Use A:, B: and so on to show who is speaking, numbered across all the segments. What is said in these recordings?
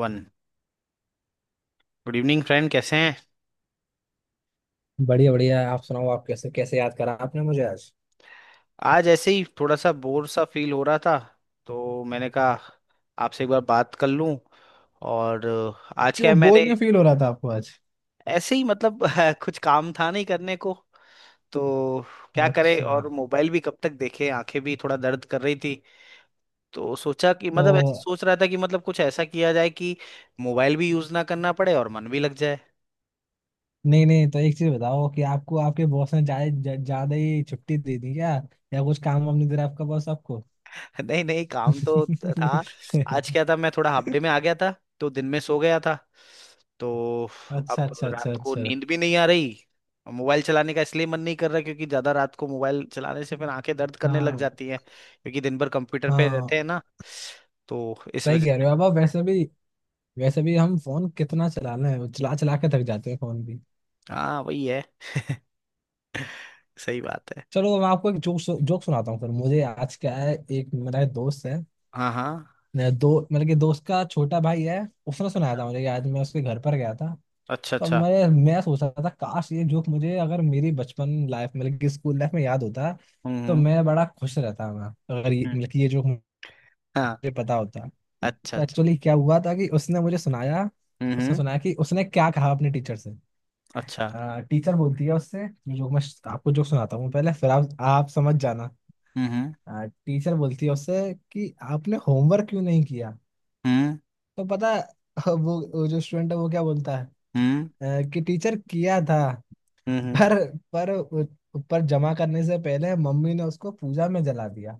A: One. Good evening friend, कैसे हैं।
B: बढ़िया बढ़िया। आप सुनाओ, आप कैसे कैसे याद करा आपने मुझे आज।
A: आज ऐसे ही थोड़ा सा बोर सा फील हो रहा था, तो मैंने कहा आपसे एक बार बात कर लूं। और आज क्या
B: क्यों
A: है,
B: बोर
A: मैंने
B: क्यों फील हो रहा था आपको आज।
A: ऐसे ही कुछ काम था नहीं करने को, तो क्या करे।
B: अच्छा।
A: और मोबाइल भी कब तक देखे, आंखें भी थोड़ा दर्द कर रही थी। तो सोचा कि मतलब ऐसे
B: तो
A: सोच रहा था कि कुछ ऐसा किया जाए कि मोबाइल भी यूज ना करना पड़े और मन भी लग जाए।
B: नहीं नहीं, तो एक चीज बताओ कि आपको आपके बॉस ने ज्यादा ही छुट्टी दे दी क्या। या कुछ काम वाम नहीं दे रहा आपका बॉस आपको?
A: नहीं नहीं, काम तो था। आज क्या था, मैं थोड़ा हाफ डे में आ गया था, तो दिन में सो गया था। तो
B: अच्छा
A: अब
B: अच्छा अच्छा
A: रात को
B: अच्छा।
A: नींद भी नहीं आ रही, और मोबाइल चलाने का इसलिए मन नहीं कर रहा क्योंकि ज्यादा रात को मोबाइल चलाने से फिर आंखें दर्द करने लग
B: हाँ
A: जाती हैं, क्योंकि दिन भर कंप्यूटर पे रहते
B: हाँ।
A: हैं ना। तो इस
B: सही
A: वजह
B: कह
A: से।
B: रहे हो। अब आप वैसे भी, वैसे भी हम फोन कितना चला लें, चला चला के थक जाते हैं फोन भी।
A: हाँ वही है, सही बात है।
B: चलो, मैं आपको एक जोक जोक सुनाता हूँ। फिर मुझे आज क्या है, एक मेरा एक दोस्त है।
A: हाँ हाँ।
B: मेरा दो, मतलब कि दोस्त का छोटा भाई है। उसने सुनाया
A: अच्छा
B: था, मुझे याद मैं उसके घर पर गया था।
A: अच्छा
B: तो
A: अच्छा।
B: मैं सोच रहा था, काश ये जोक मुझे अगर मेरी बचपन लाइफ मतलब कि स्कूल लाइफ में याद होता।
A: हम्म
B: तो
A: हम्म
B: मैं बड़ा खुश रहता मैं, अगर ये
A: हम्म,
B: मतलब कि ये जोक मुझे
A: हाँ।
B: पता होता।
A: अच्छा
B: तो
A: अच्छा।
B: एक्चुअली क्या हुआ था कि उसने मुझे सुनाया,
A: हम्म
B: उसने
A: हम्म,
B: सुनाया कि उसने क्या कहा अपने टीचर से।
A: अच्छा।
B: टीचर बोलती है उससे, ये जोक मैं आपको जोक सुनाता हूँ पहले, फिर आप समझ जाना।
A: हम्म हम्म
B: टीचर बोलती है उससे कि आपने होमवर्क क्यों नहीं किया। तो पता है, वो जो स्टूडेंट है वो क्या बोलता है।
A: हम्म
B: कि टीचर किया था,
A: हम्म हम्म
B: पर पर ऊपर जमा करने से पहले मम्मी ने उसको पूजा में जला दिया।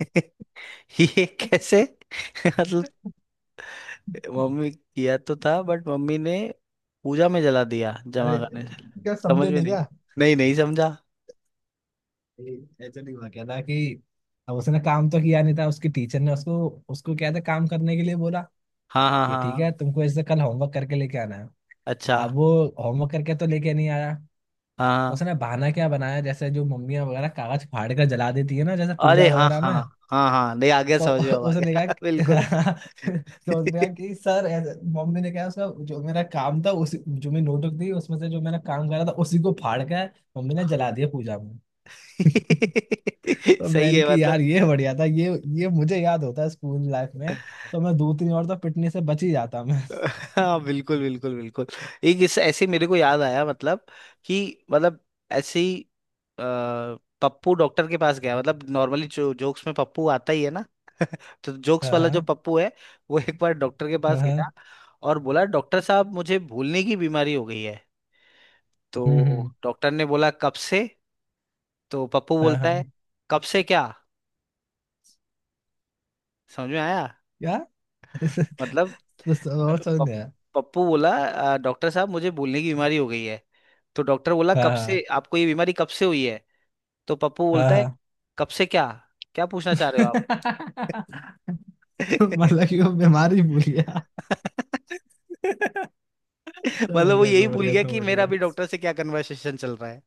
A: ये कैसे। मतलब मम्मी किया तो था, बट मम्मी ने पूजा में जला दिया जमा
B: अरे
A: करने से।
B: क्या
A: समझ
B: समझे
A: में
B: नहीं
A: नहीं।
B: क्या?
A: नहीं नहीं समझा।
B: ये ऐसा नहीं हुआ क्या था कि अब उसने काम तो किया नहीं था, उसकी टीचर ने उसको उसको क्या था, काम करने के लिए बोला
A: हाँ हाँ
B: कि
A: हाँ
B: ठीक
A: हाँ।
B: है, तुमको ऐसे कल होमवर्क करके लेके आना है।
A: अच्छा।
B: अब वो होमवर्क करके तो लेके नहीं आया।
A: हाँ हाँ।
B: उसने बहाना क्या बनाया, जैसे जो मम्मियाँ वगैरह कागज फाड़ कर जला देती है ना, जैसे पूजा
A: अरे हाँ
B: वगैरह
A: हाँ।
B: में।
A: हाँ हाँ, नहीं आ गया
B: तो
A: समझ में, अब आ
B: उसने कहा
A: गया
B: कि-
A: बिल्कुल।
B: तो उसने कहा कि सर, ऐसे मम्मी ने कहा, उसका जो मेरा काम था उसी, जो मैं नोटबुक दी उसमें से जो मैंने काम करा था उसी को फाड़ के मम्मी ने जला दिया पूजा में। तो
A: सही
B: मैंने
A: है
B: कि यार ये बढ़िया था ये मुझे याद होता है स्कूल लाइफ में। तो मैं दो तीन और तो पिटने से बच ही जाता मैं।
A: हाँ बिल्कुल बिल्कुल बिल्कुल। एक इस ऐसे मेरे को याद आया। मतलब कि मतलब ऐसे ही अ, पप्पू डॉक्टर के पास गया। नॉर्मली जो जोक्स में पप्पू आता ही है ना। तो जोक्स
B: हाँ
A: वाला जो
B: हाँ
A: पप्पू है, वो एक बार डॉक्टर के
B: हाँ
A: पास
B: हाँ।
A: गया और बोला, डॉक्टर साहब मुझे भूलने की बीमारी हो गई है। तो
B: हम्म।
A: डॉक्टर ने बोला, कब से। तो पप्पू
B: हाँ
A: बोलता है,
B: हाँ।
A: कब से क्या। समझ में आया।
B: क्या?
A: मतलब
B: और समझ नहीं
A: पप-
B: आया।
A: पप्पू बोला, डॉक्टर साहब मुझे भूलने की बीमारी हो गई है"। तो डॉक्टर बोला, कब से,
B: हाँ
A: आपको ये बीमारी कब से हुई है। तो पप्पू
B: हाँ
A: बोलता
B: हाँ
A: है,
B: हाँ।
A: कब से क्या, क्या पूछना चाह रहे हो आप।
B: मतलब कि वो बीमारी भूल गया। समझ
A: मतलब वो
B: गया
A: यही
B: समझ
A: भूल
B: गया
A: गया कि
B: समझ
A: मेरा
B: गया।
A: अभी डॉक्टर से क्या कन्वर्सेशन चल रहा है।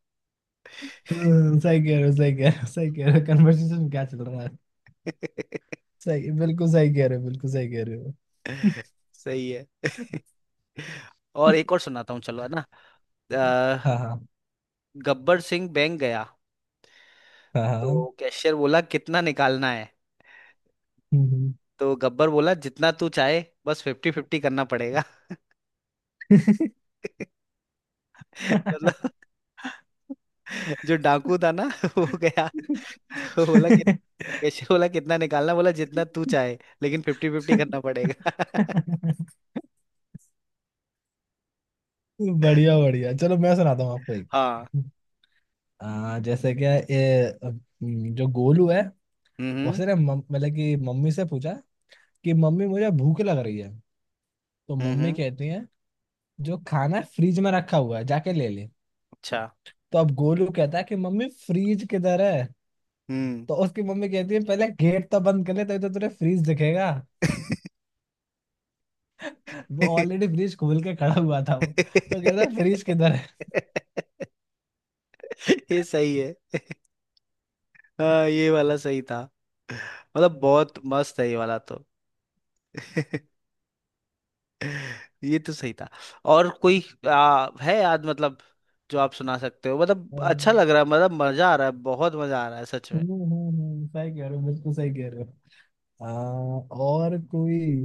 B: हम्म। सही कह रहे हो सही कह रहे हो सही कह रहे हो, कन्वर्सेशन क्या चल रहा है। सही बिल्कुल सही कह रहे हो, बिल्कुल सही कह रहे हो।
A: सही है। और एक और सुनाता हूँ चलो, है ना। अ,
B: हाँ हाँ
A: गब्बर सिंह बैंक गया।
B: हाँ हाँ।
A: तो कैशियर बोला, कितना निकालना है।
B: हम्म।
A: तो गब्बर बोला, जितना तू चाहे, बस फिफ्टी फिफ्टी करना पड़ेगा। मतलब जो डाकू था ना वो गया, वो बोला कि, कैशियर बोला कितना निकालना, बोला जितना तू चाहे, लेकिन फिफ्टी फिफ्टी करना पड़ेगा।
B: बढ़िया बढ़िया। चलो, मैं सुनाता हूँ आपको एक।
A: हाँ।
B: जैसे क्या ये, जो गोलू है,
A: हम्म
B: उसने मतलब कि मम्मी से पूछा कि मम्मी मुझे भूख लग रही है। तो मम्मी
A: हम्म
B: कहती है, जो खाना फ्रिज में रखा हुआ है जाके ले ले।
A: अच्छा।
B: तो अब गोलू कहता है कि मम्मी, फ्रिज किधर है?
A: हम्म
B: तो उसकी मम्मी कहती है, पहले गेट तो बंद कर ले, तभी तो तुझे फ्रिज दिखेगा। वो ऑलरेडी फ्रिज खोल के खड़ा हुआ था वो, तो कहता है फ्रिज किधर है।
A: ये सही है। हाँ ये वाला सही था। मतलब बहुत मस्त है ये वाला तो। ये तो सही था। और कोई है याद, जो आप सुना सकते हो। मतलब अच्छा
B: हम्म।
A: लग रहा है, मतलब मजा आ रहा है, बहुत मजा आ रहा है सच में।
B: हम्म। हम्म। सही कह रहे हो, बिल्कुल सही कह रहे हो। आ, और कोई।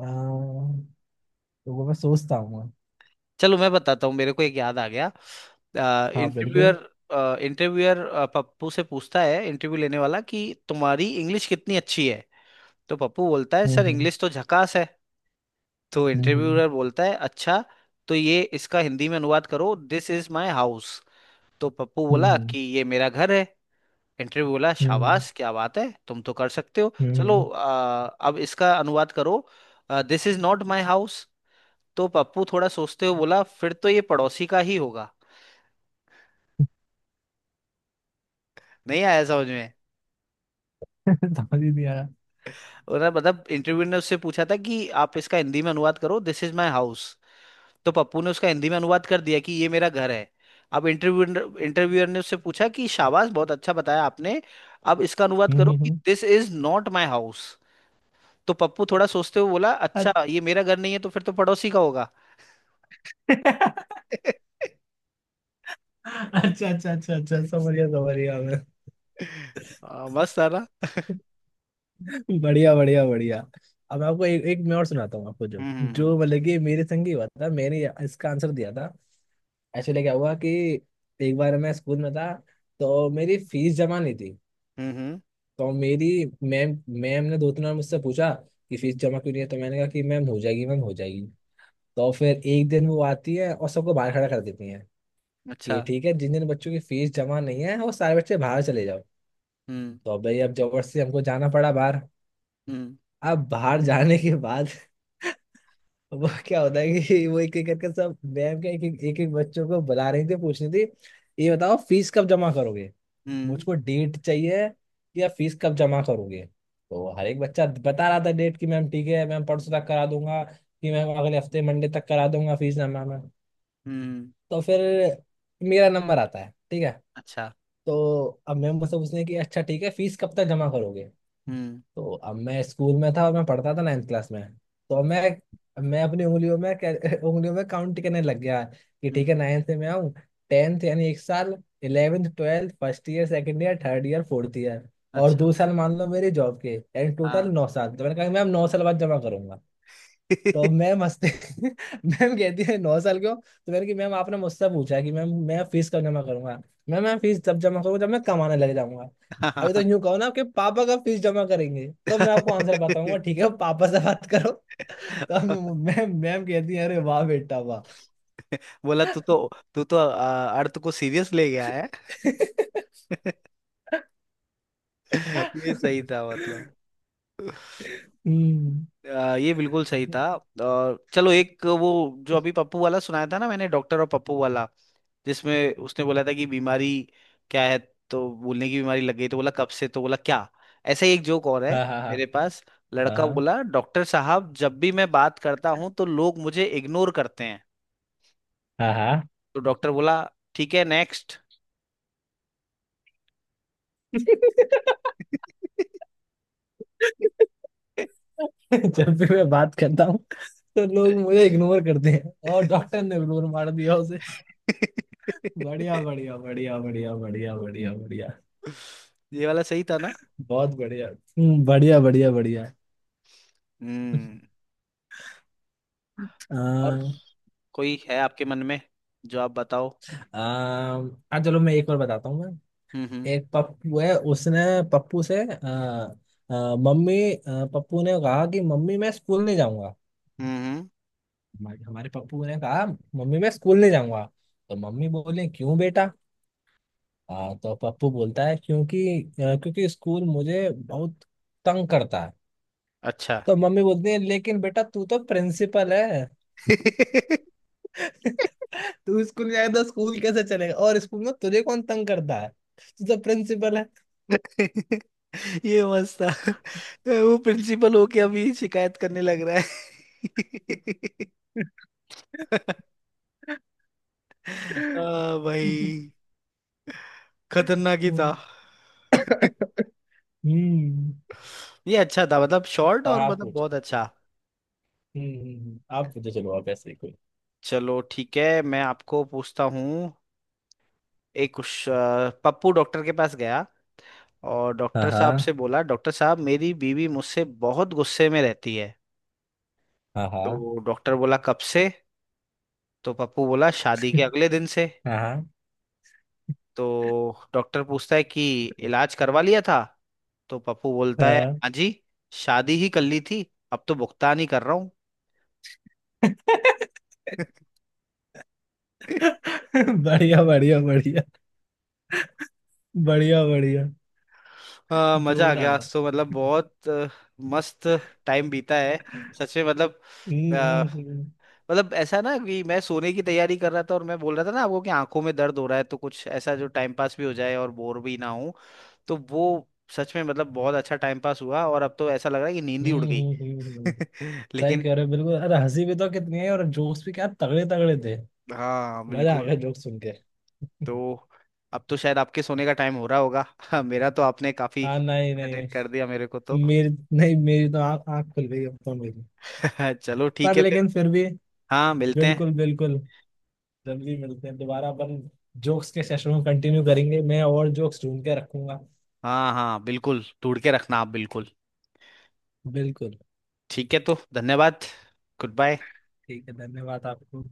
B: आ, तो वो मैं सोचता हूँ।
A: चलो मैं बताता हूँ, मेरे को एक याद आ गया।
B: हाँ बिल्कुल।
A: इंटरव्यूअर, इंटरव्यूअर पप्पू से पूछता है, इंटरव्यू लेने वाला कि तुम्हारी इंग्लिश कितनी अच्छी है। तो पप्पू बोलता है, सर
B: हम्म
A: इंग्लिश तो झकास है। तो
B: हम्म हम्म
A: इंटरव्यूअर बोलता है, अच्छा, तो ये इसका हिंदी में अनुवाद करो, दिस इज माय हाउस। तो पप्पू बोला
B: हम्म
A: कि ये मेरा घर है। इंटरव्यू बोला,
B: हम्म हम्म
A: शाबाश क्या बात है, तुम तो कर सकते हो।
B: हम्म।
A: चलो
B: हम्म।
A: अब इसका अनुवाद करो, this is not my house. तो पप्पू थोड़ा सोचते हुए बोला, फिर तो ये पड़ोसी का ही होगा। नहीं आया समझ में।
B: समझ ही नहीं आया।
A: उन्होंने इंटरव्यू ने उससे पूछा था कि आप इसका हिंदी में अनुवाद करो, दिस इज माई हाउस। तो पप्पू ने उसका हिंदी में अनुवाद कर दिया कि ये मेरा घर है। अब इंटरव्यूअर ने उससे पूछा कि शाबाश, बहुत अच्छा बताया आपने, अब इसका अनुवाद
B: हम्म।
A: करो
B: हम्म।
A: कि
B: हम्म।
A: This is not my house. तो पप्पू थोड़ा सोचते हुए बोला, अच्छा ये मेरा घर नहीं है तो फिर तो पड़ोसी का होगा।
B: अच्छा। अच्छा अच्छा अच्छा, समझ गया मैं।
A: हाँ, मस्त था ना।
B: बढ़िया बढ़िया बढ़िया। अब आपको एक एक मैं और सुनाता हूँ आपको, जो
A: हम्म
B: जो मतलब कि मेरे संग ही हुआ था, मैंने इसका आंसर दिया था। एक्चुअली क्या हुआ कि एक बार मैं स्कूल में था, तो मेरी फीस जमा नहीं थी।
A: हम्म हम्म हम्म,
B: तो मेरी मैम मैम ने दो तीन बार मुझसे पूछा कि फीस जमा क्यों नहीं है, तो मैंने कहा कि मैम हो जाएगी, मैम हो जाएगी। तो फिर एक दिन वो आती है और सबको बाहर खड़ा कर देती है
A: अच्छा।
B: कि ठीक है, जिन जिन बच्चों की फीस जमा नहीं है वो सारे बच्चे बाहर चले जाओ।
A: हम्म
B: तो अब भाई, अब जबरदस्ती हमको जाना पड़ा बाहर।
A: हम्म
B: अब बाहर जाने के बाद वो क्या होता है कि वो एक एक करके, सब मैम के एक एक, एक, एक बच्चों को बुला रही थी, पूछ रही थी, ये बताओ फीस कब जमा करोगे।
A: हम्म
B: मुझको डेट चाहिए कि आप फीस कब जमा करोगे। तो हर एक बच्चा बता रहा था डेट कि, मैम ठीक है मैम परसों तक करा दूंगा, कि मैम अगले हफ्ते मंडे तक करा दूंगा फीस जमा मैं।
A: हम्म
B: तो फिर मेरा नंबर आता है, ठीक है।
A: अच्छा।
B: तो अब मैम मुझसे पूछने की, अच्छा ठीक है, फीस कब तक जमा करोगे।
A: हम्म
B: तो अब मैं स्कूल में था और मैं पढ़ता था नाइन्थ क्लास में। तो मैं अपनी उंगलियों में उंगलियों में काउंट करने लग गया कि ठीक है,
A: हम्म
B: नाइन्थ से मैं आऊँ, 10th, यानी 1 साल, 11th, 12th, first year, second year, third year, fourth year, और
A: अच्छा।
B: 2 साल मान लो मेरी जॉब के, यानी टोटल
A: हाँ
B: 9 साल। तो मैंने कहा कि मैम, 9 साल बाद जमा करूंगा। तो मैं मस्ती। मैम कहती है, 9 साल के हो? तो मैंने कि मैम, आपने मुझसे पूछा कि मैम मैं फीस कब जमा करूंगा। मैम, मैं फीस तब जमा करूंगा जब मैं कमाने लग जाऊंगा। अभी तो
A: हाँ,
B: यूं कहो ना, आपके पापा का फीस जमा करेंगे तो मैं आपको आंसर बताऊंगा, ठीक है पापा से बात करो।
A: हाँ।
B: मैम मैम कहती है, अरे वाह बेटा वाह।
A: बोला तू तो, तू तो अर्थ को सीरियस ले गया है। ये सही था
B: हम्म।
A: ये बिल्कुल सही था। और चलो एक वो जो अभी पप्पू वाला सुनाया था ना मैंने, डॉक्टर और पप्पू वाला, जिसमें उसने बोला था कि बीमारी क्या है, तो बोलने की बीमारी लग गई, तो बोला कब से, तो बोला क्या। ऐसा ही एक जोक और है
B: हाँ हाँ
A: मेरे
B: हाँ
A: पास। लड़का
B: हाँ
A: बोला, डॉक्टर साहब जब भी मैं बात करता हूँ तो लोग मुझे इग्नोर करते हैं।
B: हाँ हाँ हाँ।
A: तो डॉक्टर बोला, ठीक है नेक्स्ट।
B: जब भी मैं बात करता हूँ तो लोग मुझे इग्नोर करते हैं, और डॉक्टर ने इग्नोर मार दिया उसे। बढ़िया बढ़िया बढ़िया बढ़िया बढ़िया बढ़िया बढ़िया।
A: ये वाला सही था ना।
B: बहुत बढ़िया। हम्म। बढ़िया बढ़िया बढ़िया।
A: हम्म और
B: अम,
A: कोई है आपके मन में जो आप बताओ।
B: हाँ चलो, मैं एक और बताता हूँ मैं।
A: हम्म हम्म
B: एक पप्पू है उसने पप्पू से, मम्मी, पप्पू ने कहा कि मम्मी, मैं स्कूल नहीं जाऊंगा।
A: हम्म हम्म,
B: हमारे हमारे पप्पू ने कहा, मम्मी मैं स्कूल नहीं जाऊंगा। तो मम्मी बोले, क्यों बेटा? हाँ, तो पप्पू बोलता है क्योंकि स्कूल मुझे बहुत तंग करता है।
A: अच्छा।
B: तो मम्मी बोलती है, लेकिन बेटा तू तो प्रिंसिपल है। तू स्कूल जाएगा तो स्कूल कैसे चलेगा, और स्कूल में तुझे कौन तंग करता है? तू तो प्रिंसिपल है।
A: ये मस्त था, वो प्रिंसिपल होके अभी शिकायत करने लग रहा है। भाई खतरनाक ही था।
B: हम्म हम्म।
A: ये अच्छा था मतलब, शॉर्ट
B: और
A: और
B: आप
A: मतलब
B: पूछो।
A: बहुत अच्छा।
B: हम्म। हम्म। आप पूछो, चलो आप ऐसे ही कोई।
A: चलो ठीक है मैं आपको पूछता हूँ। एक कुछ पप्पू डॉक्टर के पास गया और
B: हाँ
A: डॉक्टर साहब
B: हाँ
A: से बोला, डॉक्टर साहब मेरी बीवी मुझसे बहुत गुस्से में रहती है।
B: हाँ हाँ
A: तो डॉक्टर बोला, कब से। तो पप्पू बोला, शादी के अगले दिन से।
B: हाँ
A: तो डॉक्टर पूछता है कि इलाज करवा लिया था। तो पप्पू बोलता है,
B: हाँ।
A: हाँ जी, शादी ही कर ली थी, अब तो भुगतान ही कर रहा हूँ।
B: बढ़िया बढ़िया बढ़िया बढ़िया बढ़िया।
A: हाँ, मजा आ गया
B: जोरदार था।
A: आज तो, मतलब बहुत मस्त टाइम बीता है सच में। मतलब
B: हम्म। हम्म।
A: मतलब ऐसा ना कि मैं सोने की तैयारी कर रहा था और मैं बोल रहा था ना आपको कि आंखों में दर्द हो रहा है, तो कुछ ऐसा जो टाइम पास भी हो जाए और बोर भी ना हो। तो वो सच में मतलब बहुत अच्छा टाइम पास हुआ, और अब तो ऐसा लग रहा है कि नींद ही उड़ गई।
B: हम्म। हम्म। हम्म। सही
A: लेकिन
B: कह रहे हो बिल्कुल, अरे हंसी भी तो कितनी है और जोक्स भी क्या तगड़े तगड़े थे।
A: हाँ
B: मजा आ
A: बिल्कुल।
B: गया जोक्स सुन के।
A: तो अब तो शायद आपके सोने का टाइम हो रहा होगा। मेरा तो आपने काफी
B: हाँ नहीं नहीं।
A: अटेंड कर दिया, मेरे को तो।
B: मेरी, नहीं मेरी तो आँख आँख खुल गई अब तो। मेरी,
A: चलो ठीक
B: पर
A: है फिर।
B: लेकिन फिर भी।
A: हाँ मिलते हैं।
B: बिल्कुल बिल्कुल। जल्दी मिलते हैं दोबारा, अपन जोक्स के सेशन को कंटिन्यू करेंगे, मैं और जोक्स ढूंढ के रखूंगा।
A: हाँ हाँ बिल्कुल, ढूंढ के रखना आप बिल्कुल।
B: बिल्कुल।
A: ठीक है तो धन्यवाद। Good bye.
B: ठीक है, धन्यवाद आपको।